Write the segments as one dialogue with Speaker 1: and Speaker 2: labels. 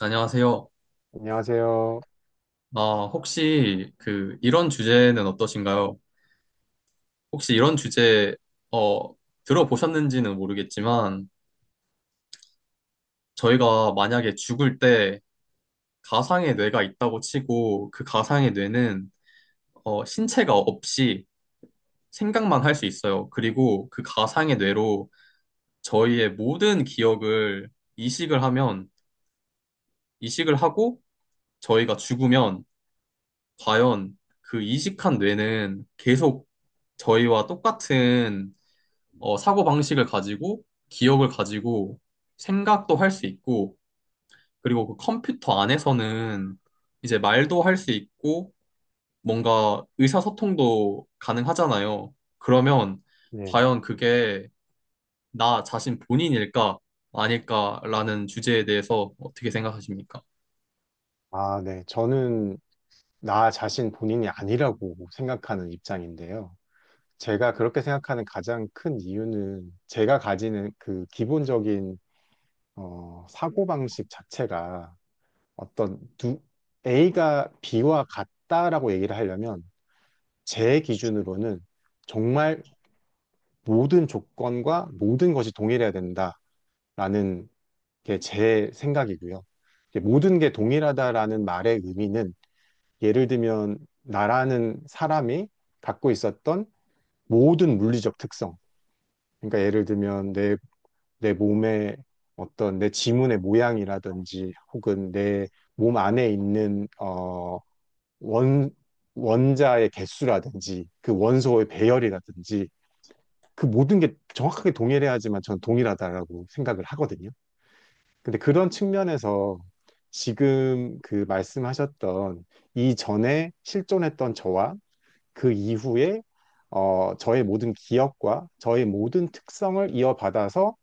Speaker 1: 안녕하세요.
Speaker 2: 안녕하세요.
Speaker 1: 아, 혹시 그 이런 주제는 어떠신가요? 혹시 이런 주제 어, 들어보셨는지는 모르겠지만 저희가 만약에 죽을 때 가상의 뇌가 있다고 치고 그 가상의 뇌는 신체가 없이 생각만 할 수 있어요. 그리고 그 가상의 뇌로 저희의 모든 기억을 이식을 하면 이식을 하고 저희가 죽으면 과연 그 이식한 뇌는 계속 저희와 똑같은 사고 방식을 가지고 기억을 가지고 생각도 할 수 있고 그리고 그 컴퓨터 안에서는 이제 말도 할 수 있고 뭔가 의사소통도 가능하잖아요. 그러면
Speaker 2: 네.
Speaker 1: 과연 그게 나 자신 본인일까 아닐까라는 주제에 대해서 어떻게 생각하십니까?
Speaker 2: 아, 네. 저는 나 자신 본인이 아니라고 생각하는 입장인데요. 제가 그렇게 생각하는 가장 큰 이유는 제가 가지는 그 기본적인 사고방식 자체가 어떤 두, A가 B와 같다라고 얘기를 하려면 제 기준으로는 정말 모든 조건과 모든 것이 동일해야 된다라는 게 제 생각이고요. 이게 모든 게 동일하다라는 말의 의미는 예를 들면 나라는 사람이 갖고 있었던 모든 물리적 특성. 그러니까 예를 들면 내 몸의 어떤 내 지문의 모양이라든지 혹은 내 몸 안에 있는 원, 원자의 개수라든지 그 원소의 배열이라든지 그 모든 게 정확하게 동일해야지만 전 동일하다라고 생각을 하거든요. 근데 그런 측면에서 지금 그 말씀하셨던 이전에 실존했던 저와 그 이후에 저의 모든 기억과 저의 모든 특성을 이어받아서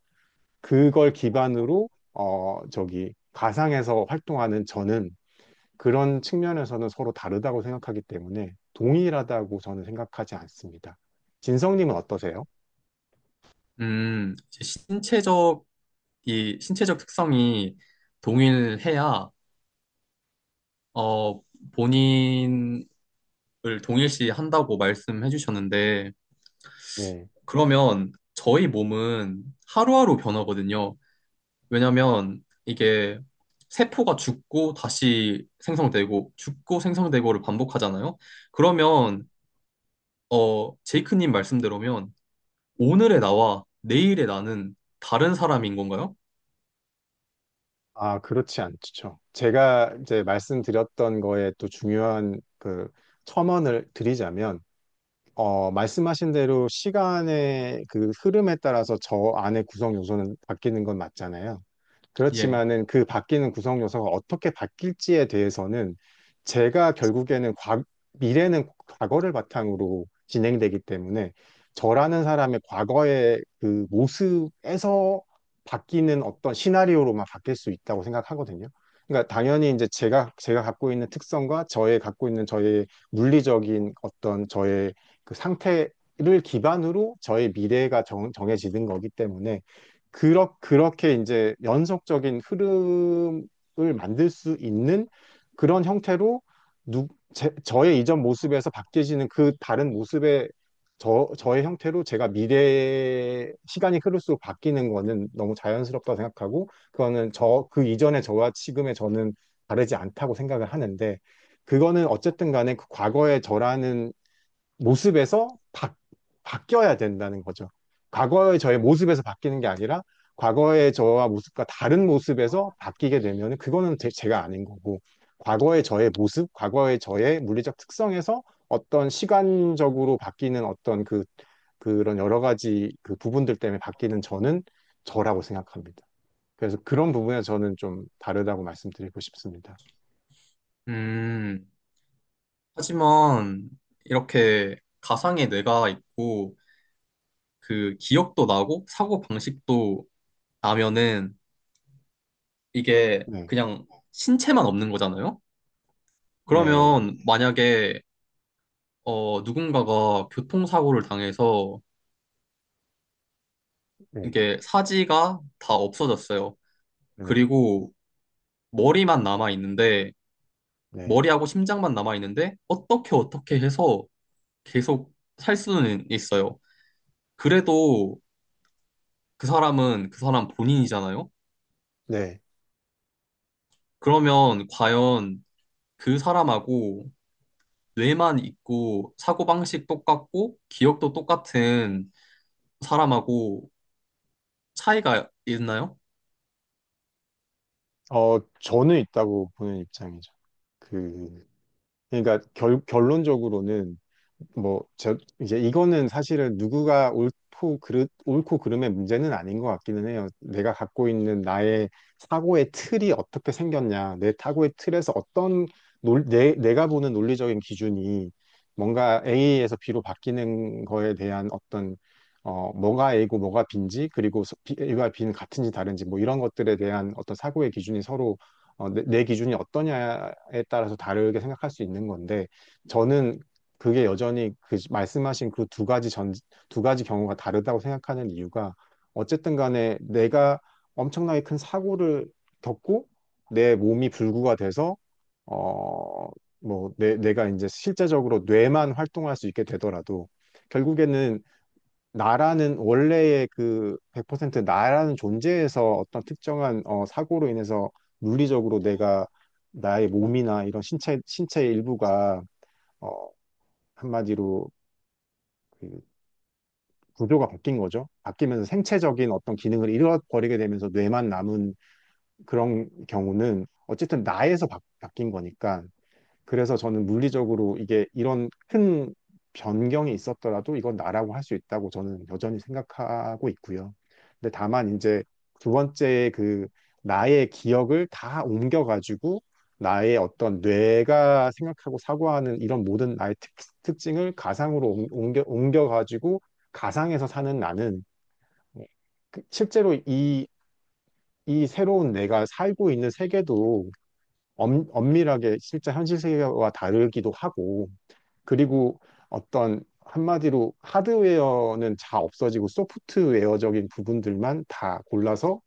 Speaker 2: 그걸 기반으로 저기 가상에서 활동하는 저는 그런 측면에서는 서로 다르다고 생각하기 때문에 동일하다고 저는 생각하지 않습니다. 진성님은 어떠세요?
Speaker 1: 이제 신체적 이 신체적 특성이 동일해야 어 본인을 동일시 한다고 말씀해 주셨는데
Speaker 2: 네.
Speaker 1: 그러면 저희 몸은 하루하루 변하거든요. 왜냐면 이게 세포가 죽고 다시 생성되고 죽고 생성되고를 반복하잖아요.
Speaker 2: 네.
Speaker 1: 그러면 어 제이크님 말씀대로면 오늘의 나와 내일의 나는 다른 사람인 건가요?
Speaker 2: 아, 그렇지 않죠. 제가 이제 말씀드렸던 거에 또 중요한 그 첨언을 드리자면 말씀하신 대로 시간의 그 흐름에 따라서 저 안의 구성 요소는 바뀌는 건 맞잖아요.
Speaker 1: 예.
Speaker 2: 그렇지만은 그 바뀌는 구성 요소가 어떻게 바뀔지에 대해서는 제가 결국에는 미래는 과거를 바탕으로 진행되기 때문에 저라는 사람의 과거의 그 모습에서 바뀌는 어떤 시나리오로만 바뀔 수 있다고 생각하거든요. 그러니까 당연히 이제 제가 갖고 있는 특성과 저의 갖고 있는 저의 물리적인 어떤 저의 그 상태를 기반으로 저의 미래가 정해지는 거기 때문에 그렇게 이제 연속적인 흐름을 만들 수 있는 그런 형태로 누, 저의 이전 모습에서 바뀌어지는 그 다른 모습의 저의 형태로 제가 미래에 시간이 흐를수록 바뀌는 거는 너무 자연스럽다고 생각하고 그거는 그 이전의 저와 지금의 저는 다르지 않다고 생각을 하는데 그거는 어쨌든 간에 그 과거의 저라는 모습에서 바뀌어야 된다는 거죠. 과거의 저의 모습에서 바뀌는 게 아니라 과거의 저와 모습과 다른 모습에서 바뀌게 되면 그거는 제가 아닌 거고 과거의 저의 모습, 과거의 저의 물리적 특성에서 어떤 시간적으로 바뀌는 어떤 그런 여러 가지 그 부분들 때문에 바뀌는 저는 저라고 생각합니다. 그래서 그런 부분에 저는 좀 다르다고 말씀드리고 싶습니다.
Speaker 1: 음. 하지만 이렇게 가상의 뇌가 있고 그 기억도 나고 사고 방식도 나면은 이게
Speaker 2: 네,
Speaker 1: 그냥 신체만 없는 거잖아요.
Speaker 2: 네,
Speaker 1: 그러면 만약에 누군가가 교통사고를 당해서
Speaker 2: 네,
Speaker 1: 이게 사지가 다 없어졌어요.
Speaker 2: 네,
Speaker 1: 그리고 머리만 남아 있는데
Speaker 2: 네,
Speaker 1: 머리하고 심장만 남아 있는데 어떻게 어떻게 해서 계속 살 수는 있어요. 그래도 그 사람은 그 사람 본인이잖아요.
Speaker 2: 네.
Speaker 1: 그러면 과연 그 사람하고 뇌만 있고 사고방식 똑같고 기억도 똑같은 사람하고 차이가 있나요?
Speaker 2: 저는 있다고 보는 입장이죠. 그, 그러니까 결론적으로는 뭐, 이제 이거는 사실은 누구가 옳고 옳고 그름의 문제는 아닌 것 같기는 해요. 내가 갖고 있는 나의 사고의 틀이 어떻게 생겼냐, 내 사고의 틀에서 어떤, 내가 보는 논리적인 기준이 뭔가 A에서 B로 바뀌는 거에 대한 어떤, 뭐가 A고 뭐가 B인지, 그리고 A와 B는 같은지 다른지, 뭐 이런 것들에 대한 어떤 사고의 기준이 서로 내 기준이 어떠냐에 따라서 다르게 생각할 수 있는 건데, 저는 그게 여전히 그 말씀하신 그 두 가지 경우가 다르다고 생각하는 이유가 어쨌든 간에 내가 엄청나게 큰 사고를 겪고 내 몸이 불구가 돼서 어, 뭐 내가 이제 실제적으로 뇌만 활동할 수 있게 되더라도 결국에는 나라는 원래의 그 100% 나라는 존재에서 어떤 특정한 사고로 인해서 물리적으로 내가 나의 몸이나 이런 신체의 일부가 어, 한마디로 그 구조가 바뀐 거죠. 바뀌면서 생체적인 어떤 기능을 잃어버리게 되면서 뇌만 남은 그런 경우는 어쨌든 나에서 뀐 거니까 그래서 저는 물리적으로 이게 이런 큰 변경이 있었더라도 이건 나라고 할 수 있다고 저는 여전히 생각하고 있고요. 근데 다만 이제 두 번째 그 나의 기억을 다 옮겨가지고 나의 어떤 뇌가 생각하고 사고하는 이런 모든 나의 특징을 가상으로 옮겨가지고 가상에서 사는 나는 실제로 이 새로운 내가 살고 있는 세계도 엄밀하게 실제 현실 세계와 다르기도 하고 그리고 어떤 한마디로 하드웨어는 다 없어지고 소프트웨어적인 부분들만 다 골라서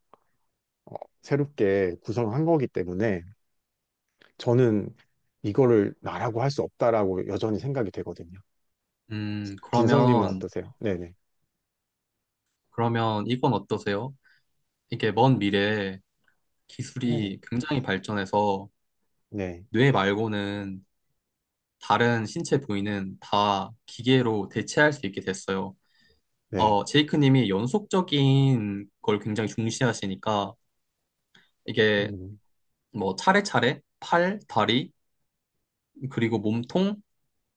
Speaker 2: 어, 새롭게 구성한 거기 때문에 저는 이거를 나라고 할 수 없다라고 여전히 생각이 되거든요.
Speaker 1: 음,
Speaker 2: 진성님은
Speaker 1: 그러면,
Speaker 2: 어떠세요? 네네.
Speaker 1: 그러면 이건 어떠세요? 이게 먼 미래에
Speaker 2: 네.
Speaker 1: 기술이 굉장히 발전해서
Speaker 2: 네.
Speaker 1: 뇌 말고는 다른 신체 부위는 다 기계로 대체할 수 있게 됐어요.
Speaker 2: 네.
Speaker 1: 어, 제이크 님이 연속적인 걸 굉장히 중시하시니까 이게
Speaker 2: 음,
Speaker 1: 뭐 차례차례 팔, 다리, 그리고 몸통,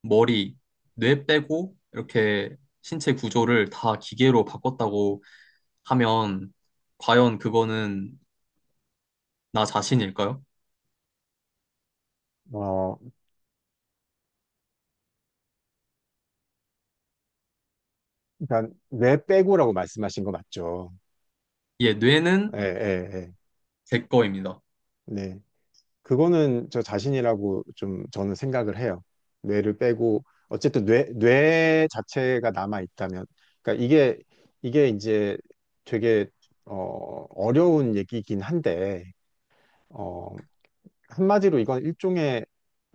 Speaker 1: 머리, 뇌 빼고 이렇게 신체 구조를 다 기계로 바꿨다고 하면 과연 그거는 나 자신일까요?
Speaker 2: 어, 일단, 뇌 빼고라고 말씀하신 거 맞죠?
Speaker 1: 예,
Speaker 2: 예,
Speaker 1: 뇌는
Speaker 2: 예, 예.
Speaker 1: 제 거입니다.
Speaker 2: 네. 그거는 저 자신이라고 좀 저는 생각을 해요. 뇌를 빼고 어쨌든 뇌 자체가 남아 있다면, 그러니까 이게 이제 되게 어려운 얘기긴 한데 어, 한마디로 이건 일종의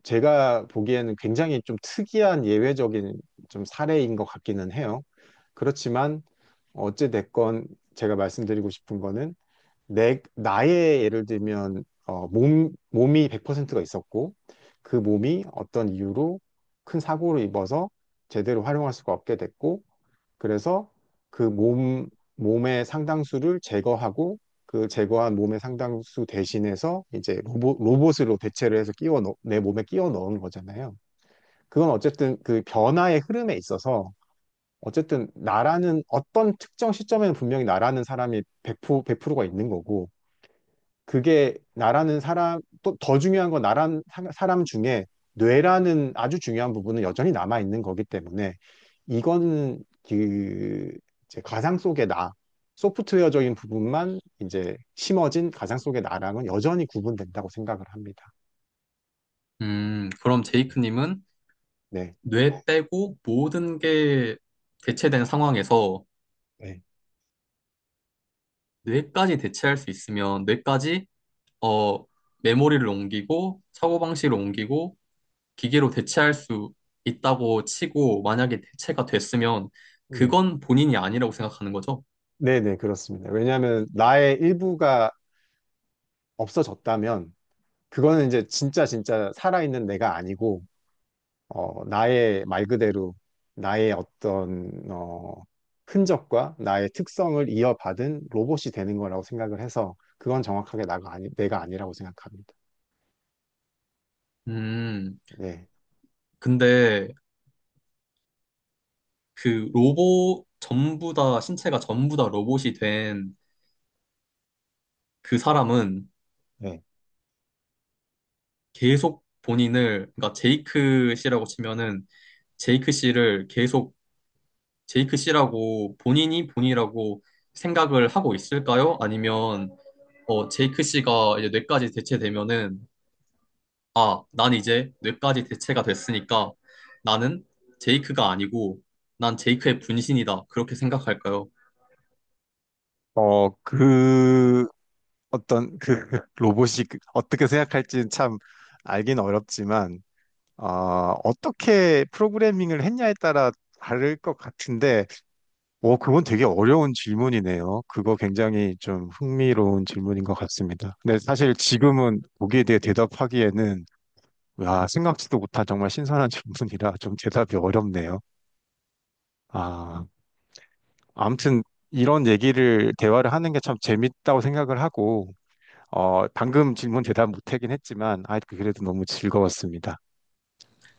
Speaker 2: 제가 보기에는 굉장히 좀 특이한 예외적인 좀 사례인 것 같기는 해요. 그렇지만 어찌 됐건 제가 말씀드리고 싶은 거는 나의 예를 들면, 몸이 100%가 있었고, 그 몸이 어떤 이유로 큰 사고를 입어서 제대로 활용할 수가 없게 됐고, 그래서 그 몸의 상당수를 제거하고, 그 제거한 몸의 상당수 대신해서 이제 로봇으로 대체를 해서 내 몸에 끼워 넣은 거잖아요. 그건 어쨌든 그 변화의 흐름에 있어서, 어쨌든 나라는 어떤 특정 시점에는 분명히 나라는 사람이 100%, 100%가 있는 거고, 그게 나라는 사람, 또 더 중요한 건 나란 사람 중에 뇌라는 아주 중요한 부분은 여전히 남아 있는 거기 때문에 이거는 그 이제 가상 속의 나, 소프트웨어적인 부분만 이제 심어진 가상 속의 나랑은 여전히 구분된다고 생각을 합니다.
Speaker 1: 그럼
Speaker 2: 네.
Speaker 1: 제이크님은
Speaker 2: 네.
Speaker 1: 뇌 빼고 모든 게 대체된 상황에서
Speaker 2: 네.
Speaker 1: 뇌까지 대체할 수 있으면 뇌까지 어, 메모리를 옮기고 사고방식을 옮기고 기계로 대체할 수 있다고 치고 만약에 대체가 됐으면
Speaker 2: 네.
Speaker 1: 그건 본인이 아니라고 생각하는 거죠.
Speaker 2: 네네, 그렇습니다. 왜냐하면 나의 일부가 없어졌다면 그거는 이제 진짜 진짜 살아있는 내가 아니고 나의 말 그대로 나의 어떤 흔적과 나의 특성을 이어받은 로봇이 되는 거라고 생각을 해서 그건 정확하게 나가 아니, 내가 아니라고 생각합니다.
Speaker 1: 음,
Speaker 2: 네.
Speaker 1: 근데 그 로봇 전부 다, 신체가 전부 다 로봇이 된 그 사람은
Speaker 2: 네.
Speaker 1: 계속 본인을, 그러니까 제이크 씨라고 치면은 제이크 씨를 계속 제이크 씨라고 본인이 본이라고 생각을 하고 있을까요? 아니면 어, 제이크 씨가 이제 뇌까지 대체되면은 아, 난 이제 뇌까지 대체가 됐으니까 나는 제이크가 아니고 난 제이크의 분신이다. 그렇게 생각할까요?
Speaker 2: 그 어떤 그 로봇이 어떻게 생각할지는 참 알긴 어렵지만 어, 어떻게 프로그래밍을 했냐에 따라 다를 것 같은데 오, 그건 되게 어려운 질문이네요. 그거 굉장히 좀 흥미로운 질문인 것 같습니다. 근데 사실 지금은 거기에 대해 대답하기에는, 와, 생각지도 못한 정말 신선한 질문이라 좀 대답이 어렵네요. 아, 아무튼 이런 얘기를, 대화를 하는 게 참 재밌다고 생각을 하고, 방금 질문 대답 못하긴 했지만, 아, 그래도 너무 즐거웠습니다.